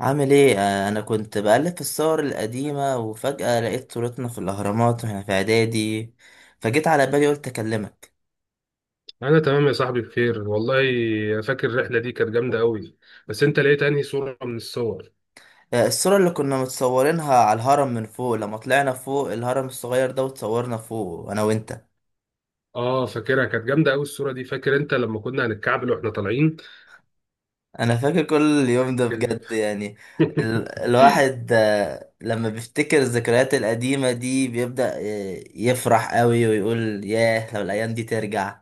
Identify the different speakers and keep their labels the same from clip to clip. Speaker 1: عامل ايه؟ انا كنت بقلب في الصور القديمة وفجأة لقيت صورتنا في الاهرامات واحنا في اعدادي. فجيت على بالي قلت اكلمك.
Speaker 2: انا تمام يا صاحبي، بخير والله. فاكر الرحله دي كانت جامده قوي. بس انت لقيت انهي صوره من الصور؟
Speaker 1: الصورة اللي كنا متصورينها على الهرم من فوق لما طلعنا فوق الهرم الصغير ده وتصورنا فوق انا وانت.
Speaker 2: اه، فاكرها كانت جامده قوي الصوره دي. فاكر انت لما كنا هنتكعبل واحنا طالعين؟
Speaker 1: انا فاكر كل اليوم ده
Speaker 2: كان-
Speaker 1: بجد يعني. ال الواحد آه، لما بيفتكر الذكريات القديمة دي بيبدأ يفرح قوي ويقول ياه لو الايام دي ترجع.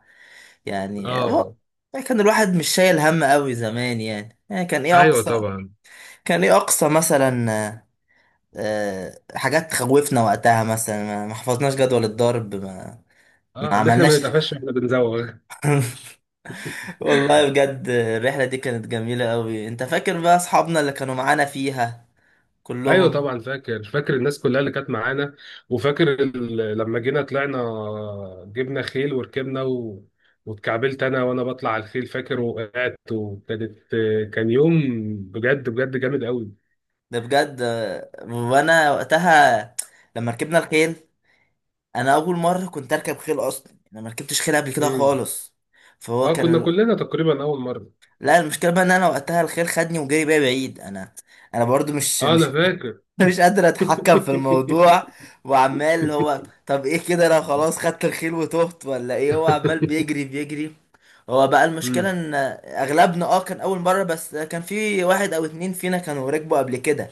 Speaker 1: يعني هو-
Speaker 2: اه،
Speaker 1: يعني كان الواحد مش شايل هم قوي زمان، يعني كان ايه
Speaker 2: ايوه
Speaker 1: اقصى،
Speaker 2: طبعا.
Speaker 1: كان ايه اقصى مثلا. حاجات تخوفنا وقتها مثلا ما حفظناش جدول الضرب، ما
Speaker 2: اه، ان احنا ما
Speaker 1: عملناش.
Speaker 2: نتقفش واحنا بنزوغ.
Speaker 1: والله بجد الرحلة دي كانت جميلة قوي. انت فاكر بقى اصحابنا اللي كانوا معانا فيها
Speaker 2: ايوه
Speaker 1: كلهم؟
Speaker 2: طبعا، فاكر فاكر الناس كلها اللي كانت معانا. وفاكر لما جينا طلعنا، جبنا خيل وركبنا واتكعبلت انا وانا بطلع على الخيل، فاكر وقعت وكانت. كان يوم بجد بجد جامد قوي.
Speaker 1: ده بجد. وانا وقتها لما ركبنا الخيل، انا اول مرة كنت اركب خيل، اصلا انا ما ركبتش خيل قبل كده
Speaker 2: امم.
Speaker 1: خالص. فهو
Speaker 2: اه، كنا
Speaker 1: كان.
Speaker 2: كلنا تقريبا اول مره.
Speaker 1: لا، المشكله بقى ان انا وقتها الخيل خدني وجري بيا بعيد. انا برضو مش
Speaker 2: اه،
Speaker 1: مش
Speaker 2: انا فاكر.
Speaker 1: مش قادر اتحكم في الموضوع. وعمال هو، طب ايه كده، انا خلاص خدت الخيل وتهت ولا ايه، هو عمال بيجري بيجري. هو بقى المشكله
Speaker 2: امم.
Speaker 1: ان اغلبنا كان اول مره، بس كان في واحد او اتنين فينا كانوا ركبوا قبل كده.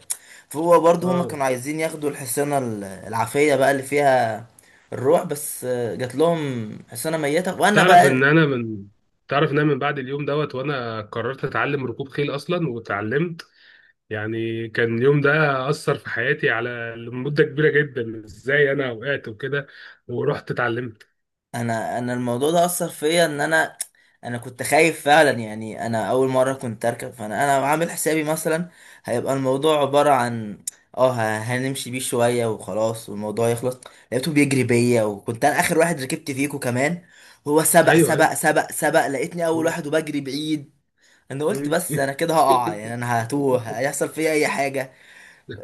Speaker 1: فهو برضو هما
Speaker 2: اه،
Speaker 1: كانوا عايزين ياخدوا الحصانه العافيه بقى اللي فيها الروح بس. جات لهم حصانه ميته وانا
Speaker 2: تعرف ان
Speaker 1: بقى.
Speaker 2: انا من تعرف ان انا من بعد اليوم دوت، وانا قررت اتعلم ركوب خيل اصلا واتعلمت. يعني كان اليوم ده أثر في حياتي لمدة كبيرة جدا، إزاي أنا وقعت وكده، ورحت اتعلمت.
Speaker 1: انا الموضوع ده اثر فيا ان انا كنت خايف فعلا، يعني انا اول مره كنت اركب، فانا عامل حسابي مثلا هيبقى الموضوع عباره عن هنمشي بيه شويه وخلاص والموضوع يخلص. لقيته بيجري بيا وكنت انا اخر واحد ركبت فيكو كمان، وهو سبق
Speaker 2: أيوه أيوه.
Speaker 1: سبق سبق سبق لقيتني اول
Speaker 2: مم.
Speaker 1: واحد وبجري بعيد. انا قلت
Speaker 2: مم.
Speaker 1: بس انا كده هقع، يعني انا هتوه هيحصل فيا اي حاجه.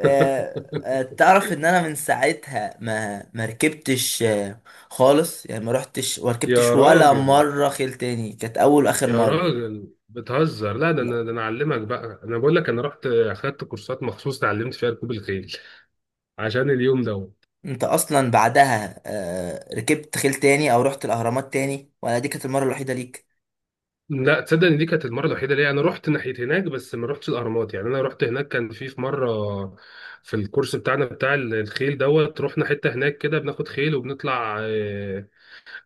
Speaker 1: تعرف ان انا من ساعتها ما ركبتش خالص، يعني ما رحتش وركبتش
Speaker 2: يا
Speaker 1: ولا
Speaker 2: راجل،
Speaker 1: مره خيل تاني، كانت اول واخر
Speaker 2: يا
Speaker 1: مره.
Speaker 2: راجل بتهزر. لا ده
Speaker 1: لا،
Speaker 2: أنا، أعلمك بقى. أنا بقول لك أنا رحت أخدت كورسات مخصوص اتعلمت فيها ركوب الخيل عشان اليوم ده.
Speaker 1: انت اصلا بعدها ركبت خيل تاني او رحت الاهرامات تاني، ولا دي كانت المره الوحيده ليك؟
Speaker 2: لا، تصدق ان دي كانت المره الوحيده ليا. انا رحت ناحيه هناك بس ما رحتش الاهرامات. يعني انا رحت هناك، كان في مره في الكورس بتاعنا، بتاع الخيل دوت، رحنا حته هناك كده بناخد خيل وبنطلع،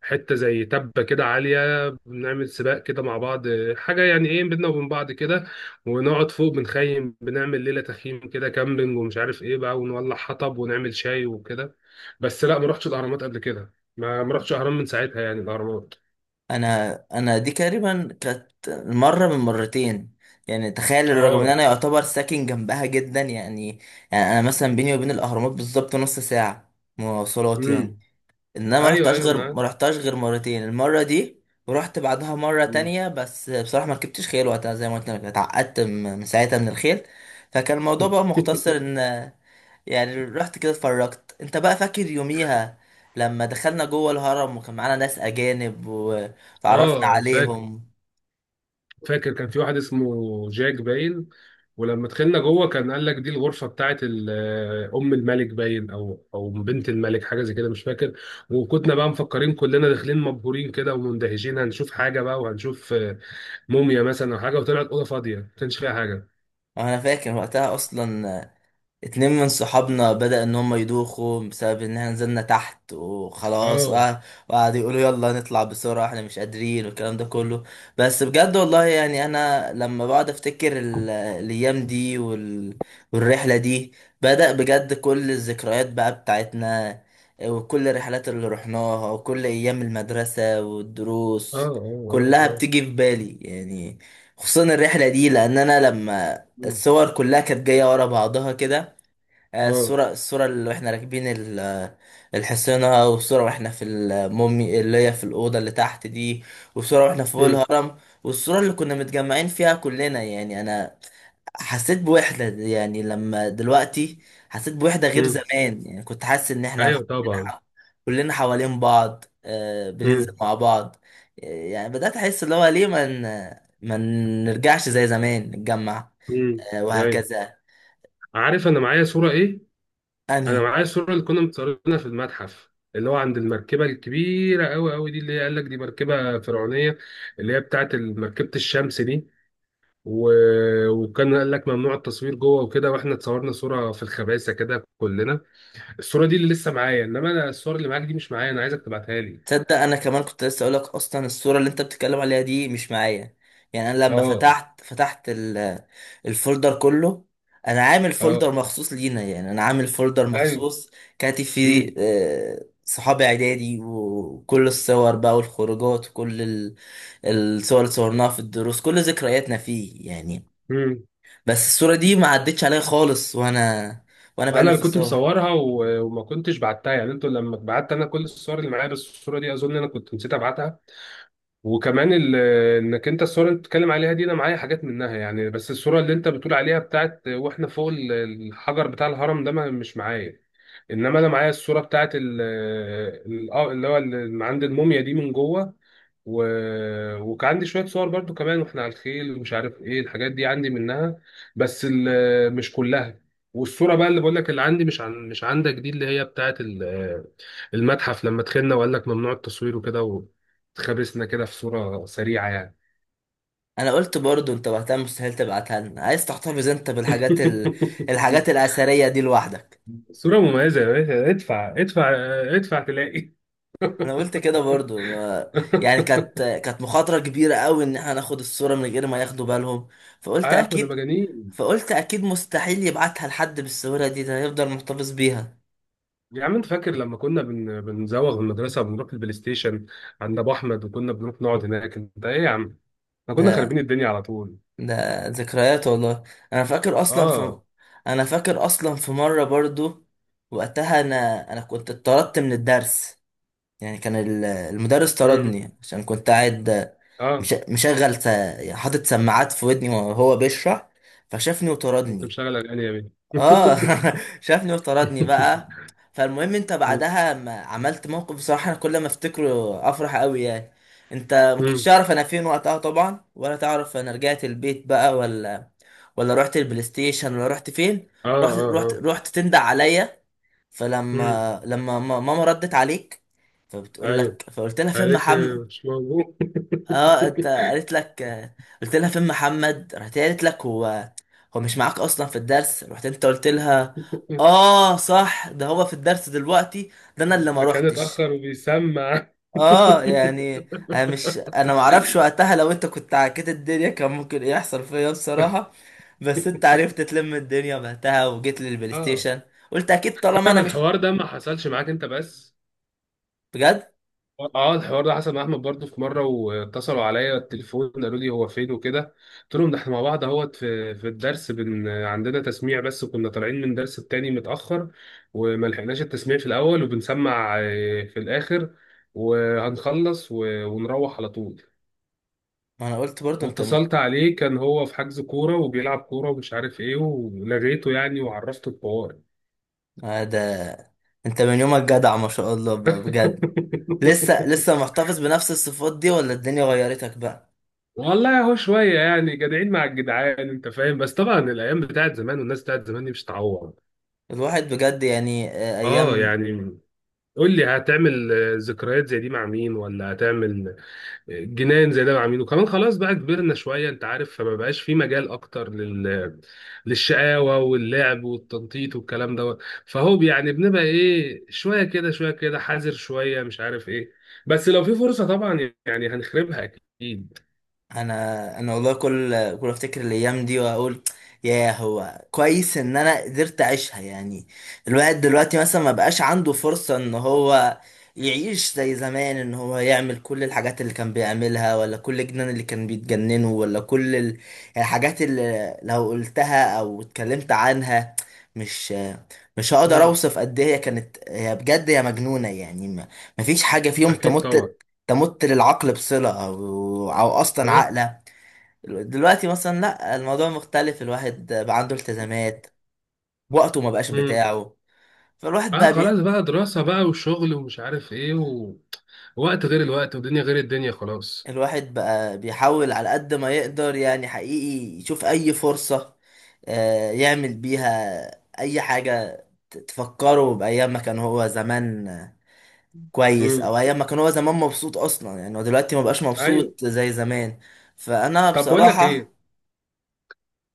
Speaker 2: حته زي تبه كده عاليه، بنعمل سباق كده مع بعض، حاجه يعني ايه بينا وبين بعض كده. ونقعد فوق بنخيم، بنعمل ليله تخييم كده كامبينج ومش عارف ايه بقى، ونولع حطب ونعمل شاي وكده. بس لا، ما رحتش الاهرامات قبل كده. ما رحتش اهرام من ساعتها، يعني الاهرامات.
Speaker 1: انا دي تقريبا كانت مره من مرتين، يعني تخيل رغم ان
Speaker 2: اه.
Speaker 1: انا يعتبر ساكن جنبها جدا يعني. يعني انا مثلا بيني وبين الاهرامات بالظبط نص ساعه مواصلات
Speaker 2: امم.
Speaker 1: يعني. ان انا ما
Speaker 2: ايوه
Speaker 1: رحتهاش غير
Speaker 2: ايوه.
Speaker 1: ما رحتهاش غير مرتين، المره دي ورحت بعدها مره
Speaker 2: مم.
Speaker 1: تانية، بس بصراحه ما ركبتش خيل وقتها زي ما قلت لك اتعقدت من ساعتها من الخيل. فكان الموضوع بقى مختصر ان يعني رحت كده اتفرجت. انت بقى فاكر يوميها لما دخلنا جوه الهرم وكان معانا ناس اجانب وتعرفنا
Speaker 2: اه فاكر،
Speaker 1: عليهم؟
Speaker 2: فاكر كان في واحد اسمه جاك باين. ولما دخلنا جوه كان قال لك دي الغرفه بتاعت ام الملك باين، او بنت الملك حاجه زي كده مش فاكر. وكنا بقى مفكرين كلنا داخلين مبهورين كده ومندهشين، هنشوف حاجه بقى وهنشوف موميا مثلا او حاجه، وطلعت اوضه فاضيه ما كانش فيها حاجه.
Speaker 1: انا فاكر وقتها اصلا اتنين من صحابنا بدأ ان هم يدوخوا بسبب ان احنا نزلنا تحت وخلاص،
Speaker 2: اه
Speaker 1: وقعدوا يقولوا يلا نطلع بسرعة احنا مش قادرين والكلام ده كله. بس بجد والله، يعني انا لما بقعد افتكر الايام دي والرحلة دي، بدأ بجد كل الذكريات بقى بتاعتنا، وكل الرحلات اللي رحناها، وكل ايام المدرسة
Speaker 2: اه
Speaker 1: والدروس،
Speaker 2: اه اه.
Speaker 1: كلها
Speaker 2: اه.
Speaker 1: بتيجي في بالي يعني. خصوصا الرحلة دي، لان انا لما
Speaker 2: مم.
Speaker 1: الصور كلها كانت جاية ورا بعضها كده،
Speaker 2: اه.
Speaker 1: الصورة اللي واحنا راكبين الحصينة، والصورة واحنا في المومي اللي هي في الأوضة اللي تحت دي، والصورة واحنا فوق
Speaker 2: مم.
Speaker 1: الهرم، والصورة اللي كنا متجمعين فيها كلنا، يعني أنا حسيت بوحدة يعني لما دلوقتي. حسيت بوحدة غير
Speaker 2: مم.
Speaker 1: زمان، يعني كنت حاسس إن إحنا
Speaker 2: ايوه طبعا.
Speaker 1: كلنا، كلنا حوالين بعض بننزل
Speaker 2: مم.
Speaker 1: مع بعض. يعني بدأت أحس اللي هو ليه ما نرجعش زي زمان نتجمع،
Speaker 2: مم. ايوه.
Speaker 1: وهكذا.
Speaker 2: عارف انا معايا صوره ايه؟ انا
Speaker 1: أنهي؟
Speaker 2: معايا الصوره اللي كنا متصورينها في المتحف، اللي هو عند المركبه الكبيره قوي قوي دي، اللي هي قال لك دي مركبه فرعونيه، اللي هي بتاعت مركبه الشمس دي و... وكان قال لك ممنوع التصوير جوه وكده، واحنا اتصورنا صوره في الخباثه كده كلنا. الصوره دي اللي لسه معايا، انما انا الصور اللي معاك دي مش معايا، انا عايزك تبعتها لي.
Speaker 1: تصدق انا كمان كنت لسه اقولك، اصلا الصوره اللي انت بتتكلم عليها دي مش معايا. يعني انا لما
Speaker 2: اه.
Speaker 1: فتحت الفولدر كله، انا عامل
Speaker 2: اه.
Speaker 1: فولدر مخصوص لينا، يعني انا عامل فولدر
Speaker 2: ايوه.
Speaker 1: مخصوص كاتب فيه
Speaker 2: امم.
Speaker 1: صحابي اعدادي، وكل الصور بقى والخروجات وكل الصور اللي صورناها في الدروس، كل ذكرياتنا فيه يعني.
Speaker 2: امم.
Speaker 1: بس الصوره دي ما عدتش عليا خالص وانا
Speaker 2: انا اللي
Speaker 1: بألف
Speaker 2: كنت
Speaker 1: الصور.
Speaker 2: مصورها وما كنتش بعتها، يعني انتوا لما بعت، انا كل الصور اللي معايا، بس الصوره دي اظن انا كنت نسيت ابعتها. وكمان انك انت الصوره اللي بتتكلم عليها دي، انا معايا حاجات منها يعني، بس الصوره اللي انت بتقول عليها بتاعت واحنا فوق الحجر بتاع الهرم ده ما مش معايا. انما انا معايا الصوره بتاعت اللي هو اللي عند الموميا دي من جوه و... وكان عندي شويه صور برضو كمان واحنا على الخيل ومش عارف ايه الحاجات دي عندي منها، بس مش كلها. والصوره بقى اللي بقول لك اللي عندي، مش عندك دي، اللي هي بتاعت المتحف لما دخلنا وقال لك ممنوع التصوير وكده، واتخابسنا كده في صوره سريعه يعني.
Speaker 1: انا قلت برضو انت وقتها مستحيل تبعتها لنا، عايز تحتفظ انت بالحاجات الحاجات الاثريه دي لوحدك.
Speaker 2: صوره مميزه يا باشا، ادفع ادفع، ادفع تلاقي.
Speaker 1: انا قلت كده برضو ما... يعني كانت مخاطره كبيره قوي ان احنا ناخد الصوره من غير ما ياخدوا بالهم. فقلت
Speaker 2: اه، كنا
Speaker 1: اكيد
Speaker 2: مجانين.
Speaker 1: فقلت اكيد مستحيل يبعتها لحد بالصوره دي، ده هيفضل محتفظ بيها.
Speaker 2: يا عم، انت فاكر لما كنا بنزوغ من المدرسه وبنروح البلاي ستيشن عند ابو احمد، وكنا بنروح نقعد هناك. انت ايه يا عم، احنا كنا خاربين
Speaker 1: ده
Speaker 2: الدنيا على طول.
Speaker 1: ده ذكريات والله. انا فاكر اصلا في
Speaker 2: اه.
Speaker 1: انا فاكر اصلا في مره برضو، وقتها انا كنت اتطردت من الدرس، يعني كان المدرس
Speaker 2: امم.
Speaker 1: طردني عشان كنت قاعد
Speaker 2: اه.
Speaker 1: مشغل حاطط سماعات في ودني وهو بيشرح، فشافني
Speaker 2: كنت
Speaker 1: وطردني.
Speaker 2: مشغل اغاني يا بيه.
Speaker 1: اه شافني وطردني بقى. فالمهم انت بعدها ما عملت موقف بصراحة، انا كل ما افتكره افرح قوي يعني. انت ما كنتش
Speaker 2: امم.
Speaker 1: تعرف انا فين وقتها طبعا، ولا تعرف انا رجعت البيت بقى ولا رحت البلاي ستيشن، ولا رحت فين.
Speaker 2: اه.
Speaker 1: رحت
Speaker 2: اه.
Speaker 1: رحت
Speaker 2: اه.
Speaker 1: رحت تندع عليا.
Speaker 2: امم.
Speaker 1: فلما لما ما- ماما ردت عليك، فبتقول
Speaker 2: ايوه.
Speaker 1: لك فقلت لها فين
Speaker 2: قالت لي
Speaker 1: محمد.
Speaker 2: مش موجود.
Speaker 1: اه، انت قالت لك قلت لها فين محمد، راحت هي قالت لك هو مش معاك اصلا في الدرس، رحت انت قلت لها اه صح ده هو في الدرس دلوقتي، ده انا اللي ما
Speaker 2: ده كان
Speaker 1: روحتش.
Speaker 2: اتاخر وبيسمع.
Speaker 1: اه، يعني انا ما اعرفش وقتها لو انت كنت عكيت الدنيا كان ممكن ايه يحصل فيا بصراحة. بس انت عرفت تلم الدنيا وقتها وجيت للبلاي
Speaker 2: اه،
Speaker 1: ستيشن. قلت اكيد طالما
Speaker 2: تعرف
Speaker 1: انا مش.
Speaker 2: الحوار ده ما حصلش معاك انت بس؟
Speaker 1: بجد؟
Speaker 2: اه، الحوار ده حصل مع احمد برضه في مره، واتصلوا عليا التليفون قالوا لي هو فين وكده. قلت لهم ده احنا مع بعض اهوت في الدرس، عندنا تسميع، بس كنا طالعين من درس التاني متاخر وما لحقناش التسميع في الاول، وبنسمع في الاخر، وهنخلص ونروح على طول.
Speaker 1: ما انا قلت برضو انت
Speaker 2: واتصلت عليه، كان هو في حجز كوره وبيلعب كوره ومش عارف ايه، ولغيته يعني وعرفته الحوار.
Speaker 1: ده انت من يومك جدع ما شاء الله، بجد. لسه محتفظ بنفس الصفات دي ولا الدنيا غيرتك بقى؟
Speaker 2: والله هو شوية يعني جدعين مع الجدعان، انت فاهم، بس طبعا الايام بتاعت زمان والناس بتاعت زمان دي مش هتعوض.
Speaker 1: الواحد بجد يعني
Speaker 2: اه،
Speaker 1: ايام.
Speaker 2: يعني قول لي، هتعمل ذكريات زي دي مع مين، ولا هتعمل جنان زي ده مع مين؟ وكمان خلاص بقى كبرنا شوية، انت عارف، فما بقاش في مجال اكتر للشقاوة واللعب والتنطيط والكلام ده. فهو يعني بنبقى ايه، شوية كده شوية كده حذر، شوية مش عارف ايه. بس لو في فرصة طبعا يعني هنخربها، اكيد.
Speaker 1: انا والله كل افتكر الايام دي واقول يا هو كويس ان انا قدرت اعيشها يعني. الواحد دلوقتي مثلا ما بقاش عنده فرصة ان هو يعيش زي زمان، ان هو يعمل كل الحاجات اللي كان بيعملها، ولا كل الجنان اللي كان بيتجننه، ولا كل الحاجات اللي لو قلتها او اتكلمت عنها، مش مش هقدر
Speaker 2: مم.
Speaker 1: اوصف قد ايه هي كانت، هي بجد هي مجنونة يعني، ما مفيش حاجة في يوم
Speaker 2: اكيد طبعا.
Speaker 1: تمت للعقل بصلة، أو أصلا عاقلة. دلوقتي مثلا لأ، الموضوع مختلف، الواحد بقى عنده التزامات، وقته ما بقاش
Speaker 2: اه.
Speaker 1: بتاعه. فالواحد
Speaker 2: اه،
Speaker 1: بقى بي...
Speaker 2: خلاص بقى دراسة بقى وشغل ومش عارف ايه وقت غير الوقت، ودنيا غير الدنيا، خلاص.
Speaker 1: الواحد بقى بيحاول على قد ما يقدر، يعني حقيقي يشوف أي فرصة يعمل بيها أي حاجة تفكره بأيام ما كان هو زمان كويس،
Speaker 2: امم.
Speaker 1: أو أيام ما كان هو زمان مبسوط، أصلا يعني هو دلوقتي ما بقاش
Speaker 2: ايوه.
Speaker 1: مبسوط زي زمان. فأنا
Speaker 2: طب،
Speaker 1: بصراحة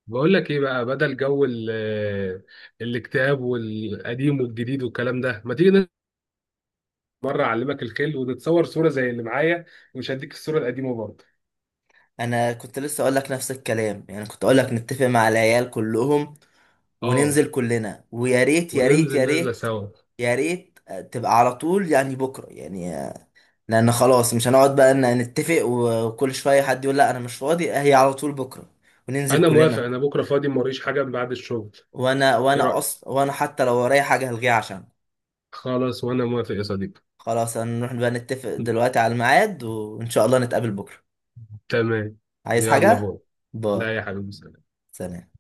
Speaker 2: بقول لك ايه بقى، بدل جو ال... آه، الاكتئاب والقديم والجديد والكلام ده، ما تيجي مرة اعلمك الخيل ونتصور صورة زي اللي معايا، ومش هديك الصورة القديمة برضه.
Speaker 1: انا كنت لسه اقول لك نفس الكلام، يعني كنت اقول لك نتفق مع العيال كلهم
Speaker 2: اه،
Speaker 1: وننزل كلنا، ويا ريت يا ريت
Speaker 2: وننزل
Speaker 1: يا
Speaker 2: نازلة
Speaker 1: ريت،
Speaker 2: سوا.
Speaker 1: يا ريت تبقى على طول يعني بكره يعني لان خلاص مش هنقعد بقى ان نتفق وكل شويه حد يقول لا انا مش فاضي، هي على طول بكره وننزل
Speaker 2: انا موافق،
Speaker 1: كلنا.
Speaker 2: انا بكرة فاضي، موريش حاجة من بعد الشغل.
Speaker 1: وانا
Speaker 2: ايه
Speaker 1: وانا
Speaker 2: رأيك؟
Speaker 1: اصلا حتى لو ورايا حاجه هلغيها عشان
Speaker 2: خلاص وانا موافق يا صديقي.
Speaker 1: خلاص. هنروح بقى نتفق دلوقتي على الميعاد، وان شاء الله نتقابل بكره.
Speaker 2: تمام.
Speaker 1: عايز
Speaker 2: يلا
Speaker 1: حاجه؟
Speaker 2: بقى.
Speaker 1: باي.
Speaker 2: لا يا حبيبي.
Speaker 1: سلام.